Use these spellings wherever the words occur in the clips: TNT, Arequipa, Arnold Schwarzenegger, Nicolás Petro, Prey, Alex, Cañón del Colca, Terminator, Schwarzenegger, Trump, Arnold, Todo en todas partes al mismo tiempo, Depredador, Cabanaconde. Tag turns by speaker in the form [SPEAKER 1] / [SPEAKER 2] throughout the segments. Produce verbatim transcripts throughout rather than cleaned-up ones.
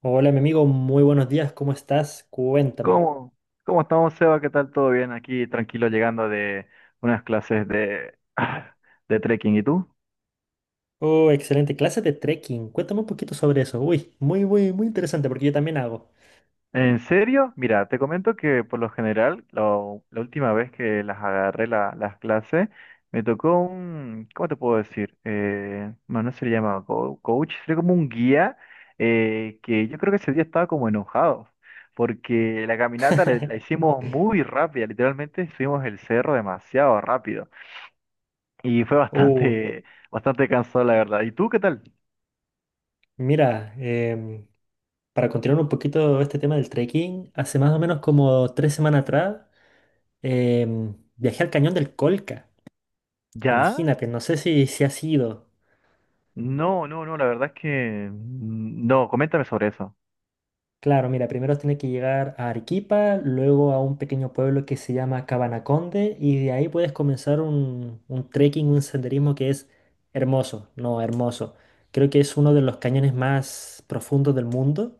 [SPEAKER 1] Hola, mi amigo, muy buenos días, ¿cómo estás? Cuéntame.
[SPEAKER 2] ¿Cómo? ¿Cómo estamos, Seba? ¿Qué tal? ¿Todo bien? Aquí tranquilo llegando de unas clases de, de trekking. ¿Y tú?
[SPEAKER 1] Oh, excelente clase de trekking. Cuéntame un poquito sobre eso. Uy, muy, muy, muy interesante porque yo también hago.
[SPEAKER 2] ¿En serio? Mira, te comento que por lo general, lo- la última vez que las agarré la- las clases, me tocó un, ¿cómo te puedo decir? Eh, bueno, no se le llama co- coach, sería como un guía, eh, que yo creo que ese día estaba como enojado, porque la caminata la, la hicimos muy rápida, literalmente subimos el cerro demasiado rápido. Y fue
[SPEAKER 1] Uh,
[SPEAKER 2] bastante, bastante cansado, la verdad. ¿Y tú qué tal?
[SPEAKER 1] mira, em, para continuar un poquito este tema del trekking, hace más o menos como tres semanas atrás em, viajé al Cañón del Colca.
[SPEAKER 2] ¿Ya?
[SPEAKER 1] Imagínate, no sé si, si has ido.
[SPEAKER 2] No, no, no, la verdad es que mm, no, coméntame sobre eso.
[SPEAKER 1] Claro, mira, primero tiene que llegar a Arequipa, luego a un pequeño pueblo que se llama Cabanaconde y de ahí puedes comenzar un, un trekking, un senderismo que es hermoso, no hermoso. Creo que es uno de los cañones más profundos del mundo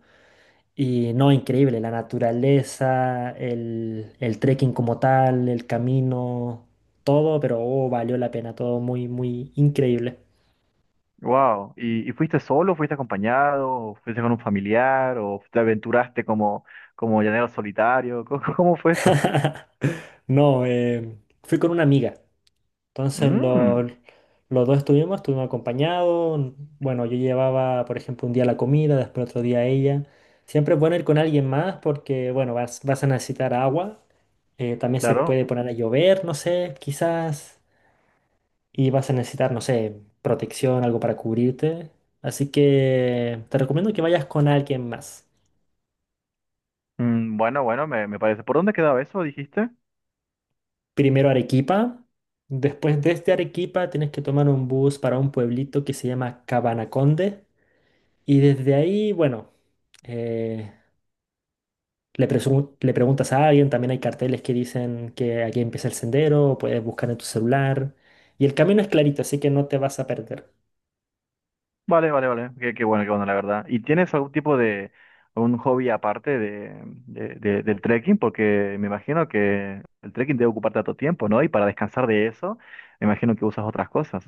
[SPEAKER 1] y no, increíble, la naturaleza, el, el trekking como tal, el camino, todo, pero oh, valió la pena, todo muy, muy increíble.
[SPEAKER 2] Wow. ¿Y, y fuiste solo, fuiste acompañado, o fuiste con un familiar, o te aventuraste como, como llanero solitario? ¿Cómo, cómo fue eso?
[SPEAKER 1] No, eh, fui con una amiga. Entonces
[SPEAKER 2] Mm,
[SPEAKER 1] los, los dos estuvimos, estuvimos acompañados. Bueno, yo llevaba, por ejemplo, un día la comida, después otro día ella. Siempre es bueno ir con alguien más porque, bueno, vas, vas a necesitar agua. Eh, también se
[SPEAKER 2] claro.
[SPEAKER 1] puede poner a llover, no sé, quizás. Y vas a necesitar, no sé, protección, algo para cubrirte. Así que te recomiendo que vayas con alguien más.
[SPEAKER 2] Mm, bueno, bueno, me, me parece. ¿Por dónde quedaba eso, dijiste?
[SPEAKER 1] Primero Arequipa. Después desde Arequipa tienes que tomar un bus para un pueblito que se llama Cabanaconde. Y desde ahí, bueno. eh, le, presu- Le preguntas a alguien, también hay carteles que dicen que aquí empieza el sendero, puedes buscar en tu celular. Y el camino es clarito, así que no te vas a perder.
[SPEAKER 2] Vale, vale, vale. Qué, qué bueno, qué bueno, la verdad. ¿Y tienes algún tipo de, algún hobby aparte de, de- de- del trekking? Porque me imagino que el trekking debe ocupar tanto tiempo, ¿no? Y para descansar de eso, me imagino que usas otras cosas.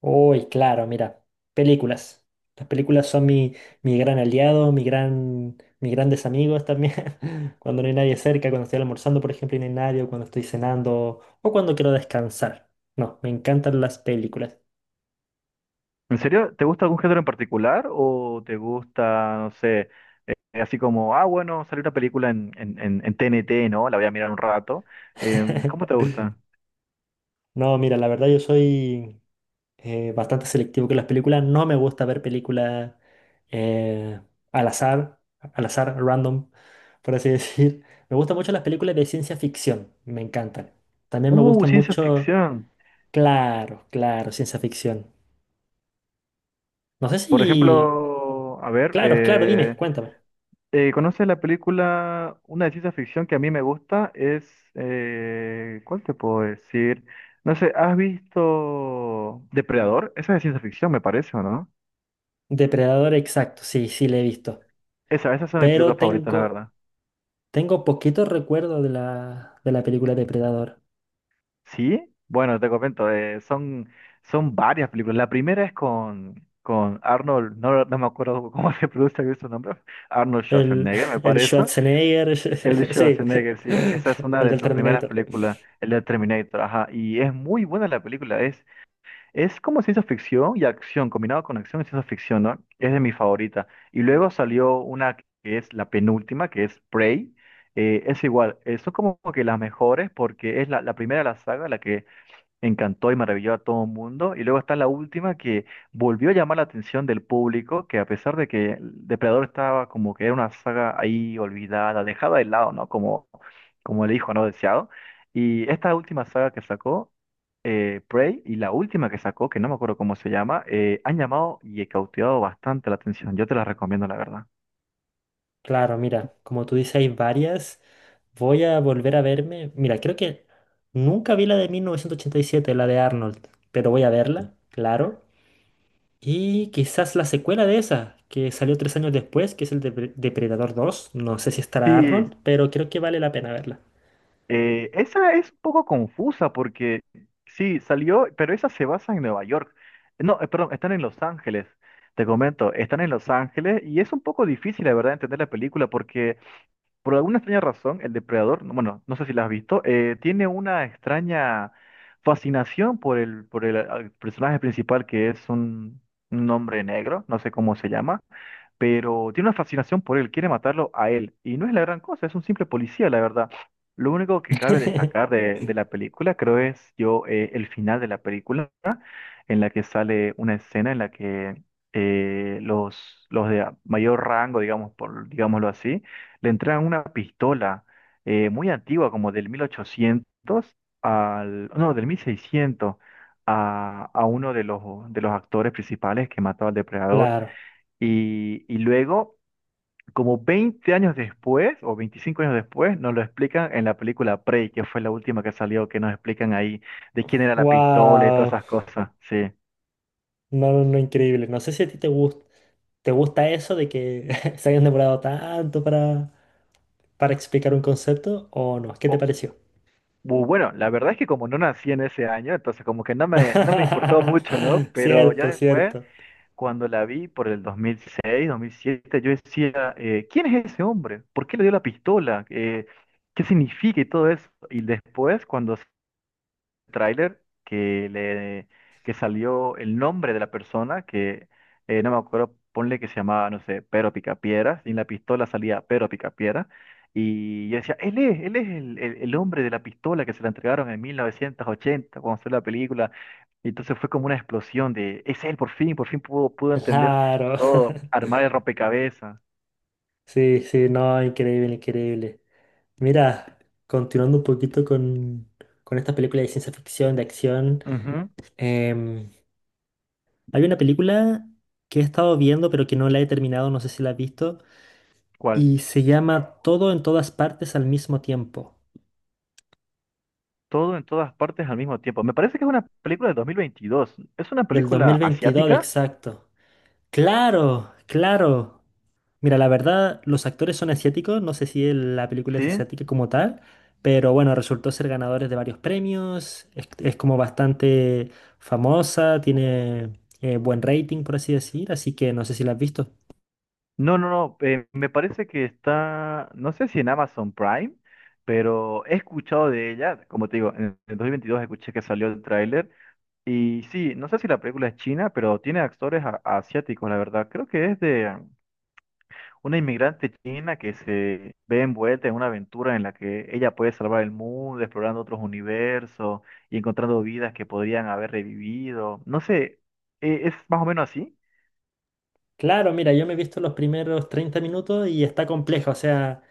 [SPEAKER 1] Uy, claro, mira, películas. Las películas son mi, mi gran aliado, mi gran, mis grandes amigos también. Cuando no hay nadie cerca, cuando estoy almorzando, por ejemplo, y no hay nadie, o cuando estoy cenando, o cuando quiero descansar. No, me encantan las películas.
[SPEAKER 2] ¿En serio? ¿Te gusta algún género en particular? ¿O te gusta, no sé, así como, ah, bueno, salió una película en, en, en, en T N T, ¿no? La voy a mirar un rato. Em, ¿cómo te gusta?
[SPEAKER 1] No, mira, la verdad yo soy eh, bastante selectivo con las películas. No me gusta ver películas eh, al azar, al azar, random, por así decir. Me gustan mucho las películas de ciencia ficción, me encantan. También me
[SPEAKER 2] Uh,
[SPEAKER 1] gustan
[SPEAKER 2] ciencia
[SPEAKER 1] mucho,
[SPEAKER 2] ficción.
[SPEAKER 1] claro, claro, ciencia ficción. No sé
[SPEAKER 2] Por
[SPEAKER 1] si...
[SPEAKER 2] ejemplo, a ver.
[SPEAKER 1] Claro, claro, dime,
[SPEAKER 2] eh,
[SPEAKER 1] cuéntame.
[SPEAKER 2] Eh, ¿conoces la película? Una de ciencia ficción que a mí me gusta es, eh, ¿cuál te puedo decir? No sé, ¿has visto Depredador? Esa es de ciencia ficción, me parece, ¿o no?
[SPEAKER 1] Depredador exacto, sí, sí, le he visto.
[SPEAKER 2] Esa, esas son mis películas
[SPEAKER 1] Pero
[SPEAKER 2] favoritas, la
[SPEAKER 1] tengo,
[SPEAKER 2] verdad.
[SPEAKER 1] tengo poquito recuerdo de la, de la película Depredador.
[SPEAKER 2] ¿Sí? Bueno, te comento, eh, son, son varias películas. La primera es con, con Arnold, no, no me acuerdo cómo se pronuncia bien su nombre, Arnold
[SPEAKER 1] El,
[SPEAKER 2] Schwarzenegger, me
[SPEAKER 1] el
[SPEAKER 2] parece.
[SPEAKER 1] Schwarzenegger,
[SPEAKER 2] El de
[SPEAKER 1] sí,
[SPEAKER 2] Schwarzenegger, sí, esa es una
[SPEAKER 1] el
[SPEAKER 2] de
[SPEAKER 1] del
[SPEAKER 2] sus primeras
[SPEAKER 1] Terminator.
[SPEAKER 2] películas, el de Terminator, ajá, y es muy buena la película. Es Es como ciencia ficción y acción, combinado con acción y ciencia ficción, ¿no? Es de mi favorita. Y luego salió una que es la penúltima, que es Prey. Eh, es igual, eh, son como que las mejores porque es la, la primera de la saga, la que encantó y maravilló a todo el mundo. Y luego está la última que volvió a llamar la atención del público, que a pesar de que Depredador estaba como que era una saga ahí olvidada, dejada de lado, ¿no? Como, como el hijo no deseado. Y esta última saga que sacó, eh, Prey, y la última que sacó, que no me acuerdo cómo se llama, eh, han llamado y cautivado bastante la atención. Yo te las recomiendo, la verdad.
[SPEAKER 1] Claro, mira, como tú dices, hay varias. Voy a volver a verme. Mira, creo que nunca vi la de mil novecientos ochenta y siete, la de Arnold, pero voy a verla, claro. Y quizás la secuela de esa, que salió tres años después, que es el Depre- Depredador dos. No sé si estará
[SPEAKER 2] Sí,
[SPEAKER 1] Arnold, pero creo que vale la pena verla.
[SPEAKER 2] Eh, esa es un poco confusa porque sí, salió, pero esa se basa en Nueva York. No, eh, perdón, están en Los Ángeles. Te comento, están en Los Ángeles y es un poco difícil, la verdad, entender la película porque por alguna extraña razón el depredador, no, bueno, no sé si la has visto, eh, tiene una extraña fascinación por el, por el eh, personaje principal que es un, un hombre negro, no sé cómo se llama, pero tiene una fascinación por él, quiere matarlo a él. Y no es la gran cosa, es un simple policía, la verdad. Lo único que cabe destacar de, de la película, creo, es yo, eh, el final de la película, en la que sale una escena en la que eh, los, los de mayor rango, digamos, por, digámoslo así, le entregan una pistola, eh, muy antigua, como del mil ochocientos al, no, del mil seiscientos a, a uno de los, de los actores principales que mató al depredador.
[SPEAKER 1] Claro.
[SPEAKER 2] Y, y luego, como veinte años después, o veinticinco años después, nos lo explican en la película Prey, que fue la última que salió, que nos explican ahí de quién era la pistola y todas
[SPEAKER 1] ¡Wow!
[SPEAKER 2] esas cosas. Sí.
[SPEAKER 1] No, no, no, increíble. No sé si a ti te gusta, te gusta eso de que se hayan demorado tanto para, para explicar un concepto o no. ¿Qué te
[SPEAKER 2] O-
[SPEAKER 1] pareció?
[SPEAKER 2] bu- bueno, la verdad es que como no nací en ese año, entonces como que no me, no me importó mucho, ¿no? Pero ya
[SPEAKER 1] Cierto,
[SPEAKER 2] después,
[SPEAKER 1] cierto.
[SPEAKER 2] cuando la vi por el dos dos mil seis dos mil siete, yo decía, eh, ¿quién es ese hombre? ¿Por qué le dio la pistola? Eh, ¿qué significa y todo eso? Y después, cuando tráiler que le que salió el nombre de la persona que eh, no me acuerdo, ponle que se llamaba, no sé, Pero Picapiedra, y en la pistola salía Pero Picapiedra, y yo decía, él es, él es el, el, el hombre de la pistola que se la entregaron en mil novecientos ochenta cuando salió la película. Y entonces fue como una explosión de, es él, por fin, por fin pudo, pudo entender
[SPEAKER 1] Claro.
[SPEAKER 2] todo, armar el rompecabezas.
[SPEAKER 1] Sí, sí, no, increíble, increíble. Mira, continuando un poquito con, con esta película de ciencia ficción, de acción,
[SPEAKER 2] Ujú.
[SPEAKER 1] em, hay una película que he estado viendo pero que no la he terminado, no sé si la has visto,
[SPEAKER 2] ¿Cuál?
[SPEAKER 1] y se llama Todo en todas partes al mismo tiempo,
[SPEAKER 2] Todo en todas partes al mismo tiempo. Me parece que es una película de dos mil veintidós. ¿Es una
[SPEAKER 1] del
[SPEAKER 2] película
[SPEAKER 1] dos mil veintidós
[SPEAKER 2] asiática?
[SPEAKER 1] exacto. Claro, claro. Mira, la verdad, los actores son asiáticos, no sé si el- la película
[SPEAKER 2] ¿Sí?
[SPEAKER 1] es asiática como tal, pero bueno, resultó ser ganadores de varios premios, es, es como bastante famosa, tiene eh, buen rating, por así decir, así que no sé si la has visto.
[SPEAKER 2] No, no, no. Eh, me parece que está, no sé si en Amazon Prime, pero he escuchado de ella. Como te digo, en el dos mil veintidós escuché que salió el tráiler. Y sí, no sé si la película es china, pero tiene actores a- asiáticos, la verdad. Creo que es de um, una inmigrante china que se ve envuelta en una aventura en la que ella puede salvar el mundo, explorando otros universos y encontrando vidas que podrían haber revivido. No sé, eh, ¿es más o menos así?
[SPEAKER 1] Claro, mira, yo me he visto los primeros treinta minutos y está compleja, o sea,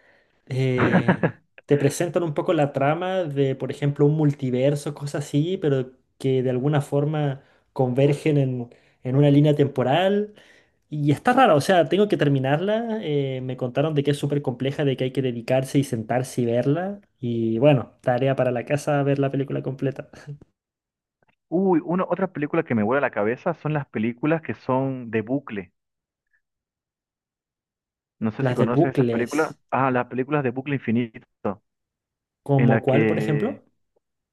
[SPEAKER 1] eh, te presentan un poco la trama de, por ejemplo, un multiverso, cosas así, pero que de alguna forma convergen en, en una línea temporal. Y está raro, o sea, tengo que terminarla. Eh, me contaron de que es súper compleja, de que hay que dedicarse y sentarse y verla. Y bueno, tarea para la casa ver la película completa.
[SPEAKER 2] Uy, una, otra película que me vuela la cabeza son las películas que son de bucle. No sé si
[SPEAKER 1] Las de
[SPEAKER 2] conoces esas películas.
[SPEAKER 1] bucles,
[SPEAKER 2] Ah, las películas de bucle infinito, en
[SPEAKER 1] ¿como
[SPEAKER 2] la
[SPEAKER 1] cuál, por
[SPEAKER 2] que
[SPEAKER 1] ejemplo?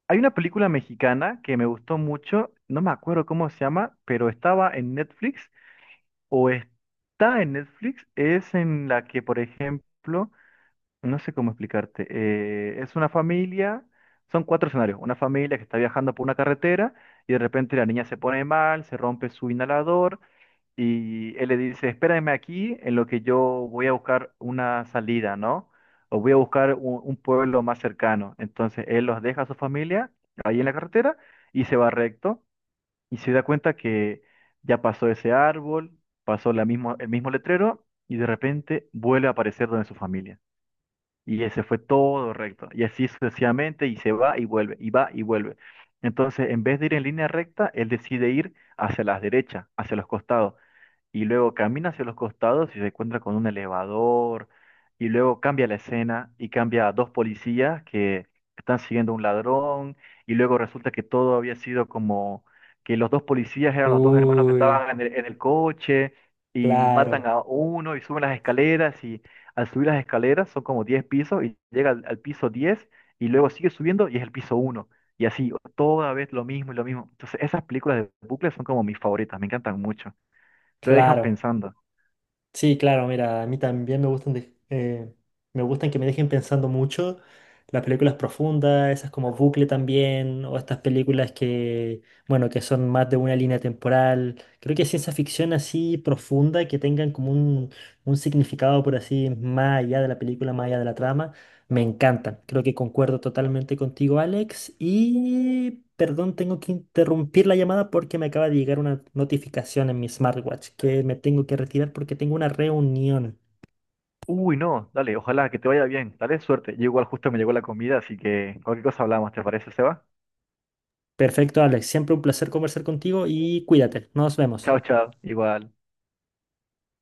[SPEAKER 2] hay una película mexicana que me gustó mucho, no me acuerdo cómo se llama, pero estaba en Netflix o está en Netflix, es en la que, por ejemplo, no sé cómo explicarte, eh, es una familia, son cuatro escenarios, una familia que está viajando por una carretera y de repente la niña se pone mal, se rompe su inhalador. Y él le dice, espérame aquí en lo que yo voy a buscar una salida, ¿no? O voy a buscar un, un pueblo más cercano. Entonces él los deja a su familia ahí en la carretera y se va recto y se da cuenta que ya pasó ese árbol, pasó la mismo, el mismo letrero y de repente vuelve a aparecer donde su familia. Y ese fue todo recto. Y así sucesivamente y se va y vuelve, y va y vuelve. Entonces, en vez de ir en línea recta, él decide ir hacia las derechas, hacia los costados, y luego camina hacia los costados y se encuentra con un elevador, y luego cambia la escena y cambia a dos policías que están siguiendo a un ladrón, y luego resulta que todo había sido como que los dos policías eran los dos hermanos que
[SPEAKER 1] Uy,
[SPEAKER 2] estaban en el, en el coche, y matan
[SPEAKER 1] claro,
[SPEAKER 2] a uno y suben las escaleras, y al subir las escaleras son como diez pisos, y llega al, al piso diez y luego sigue subiendo y es el piso uno. Y así, toda vez lo mismo y lo mismo. Entonces, esas películas de bucles son como mis favoritas, me encantan mucho. Te dejan
[SPEAKER 1] claro.
[SPEAKER 2] pensando.
[SPEAKER 1] Sí, claro, mira, a mí también me gustan, de- eh, me gustan que me dejen pensando mucho. Las películas profundas, esas como Bucle también, o estas películas que, bueno, que son más de una línea temporal. Creo que ciencia ficción así profunda, que tengan como un, un significado por así, más allá de la película, más allá de la trama. Me encantan. Creo que concuerdo totalmente contigo, Alex. Y perdón, tengo que interrumpir la llamada porque me acaba de llegar una notificación en mi smartwatch que me tengo que retirar porque tengo una reunión.
[SPEAKER 2] Uy, no, dale, ojalá que te vaya bien. Dale, suerte. Yo igual justo me llegó la comida, así que cualquier cosa hablamos, ¿te parece, Seba?
[SPEAKER 1] Perfecto, Alex. Siempre un placer conversar contigo y cuídate. Nos vemos.
[SPEAKER 2] Chao, chao. Igual.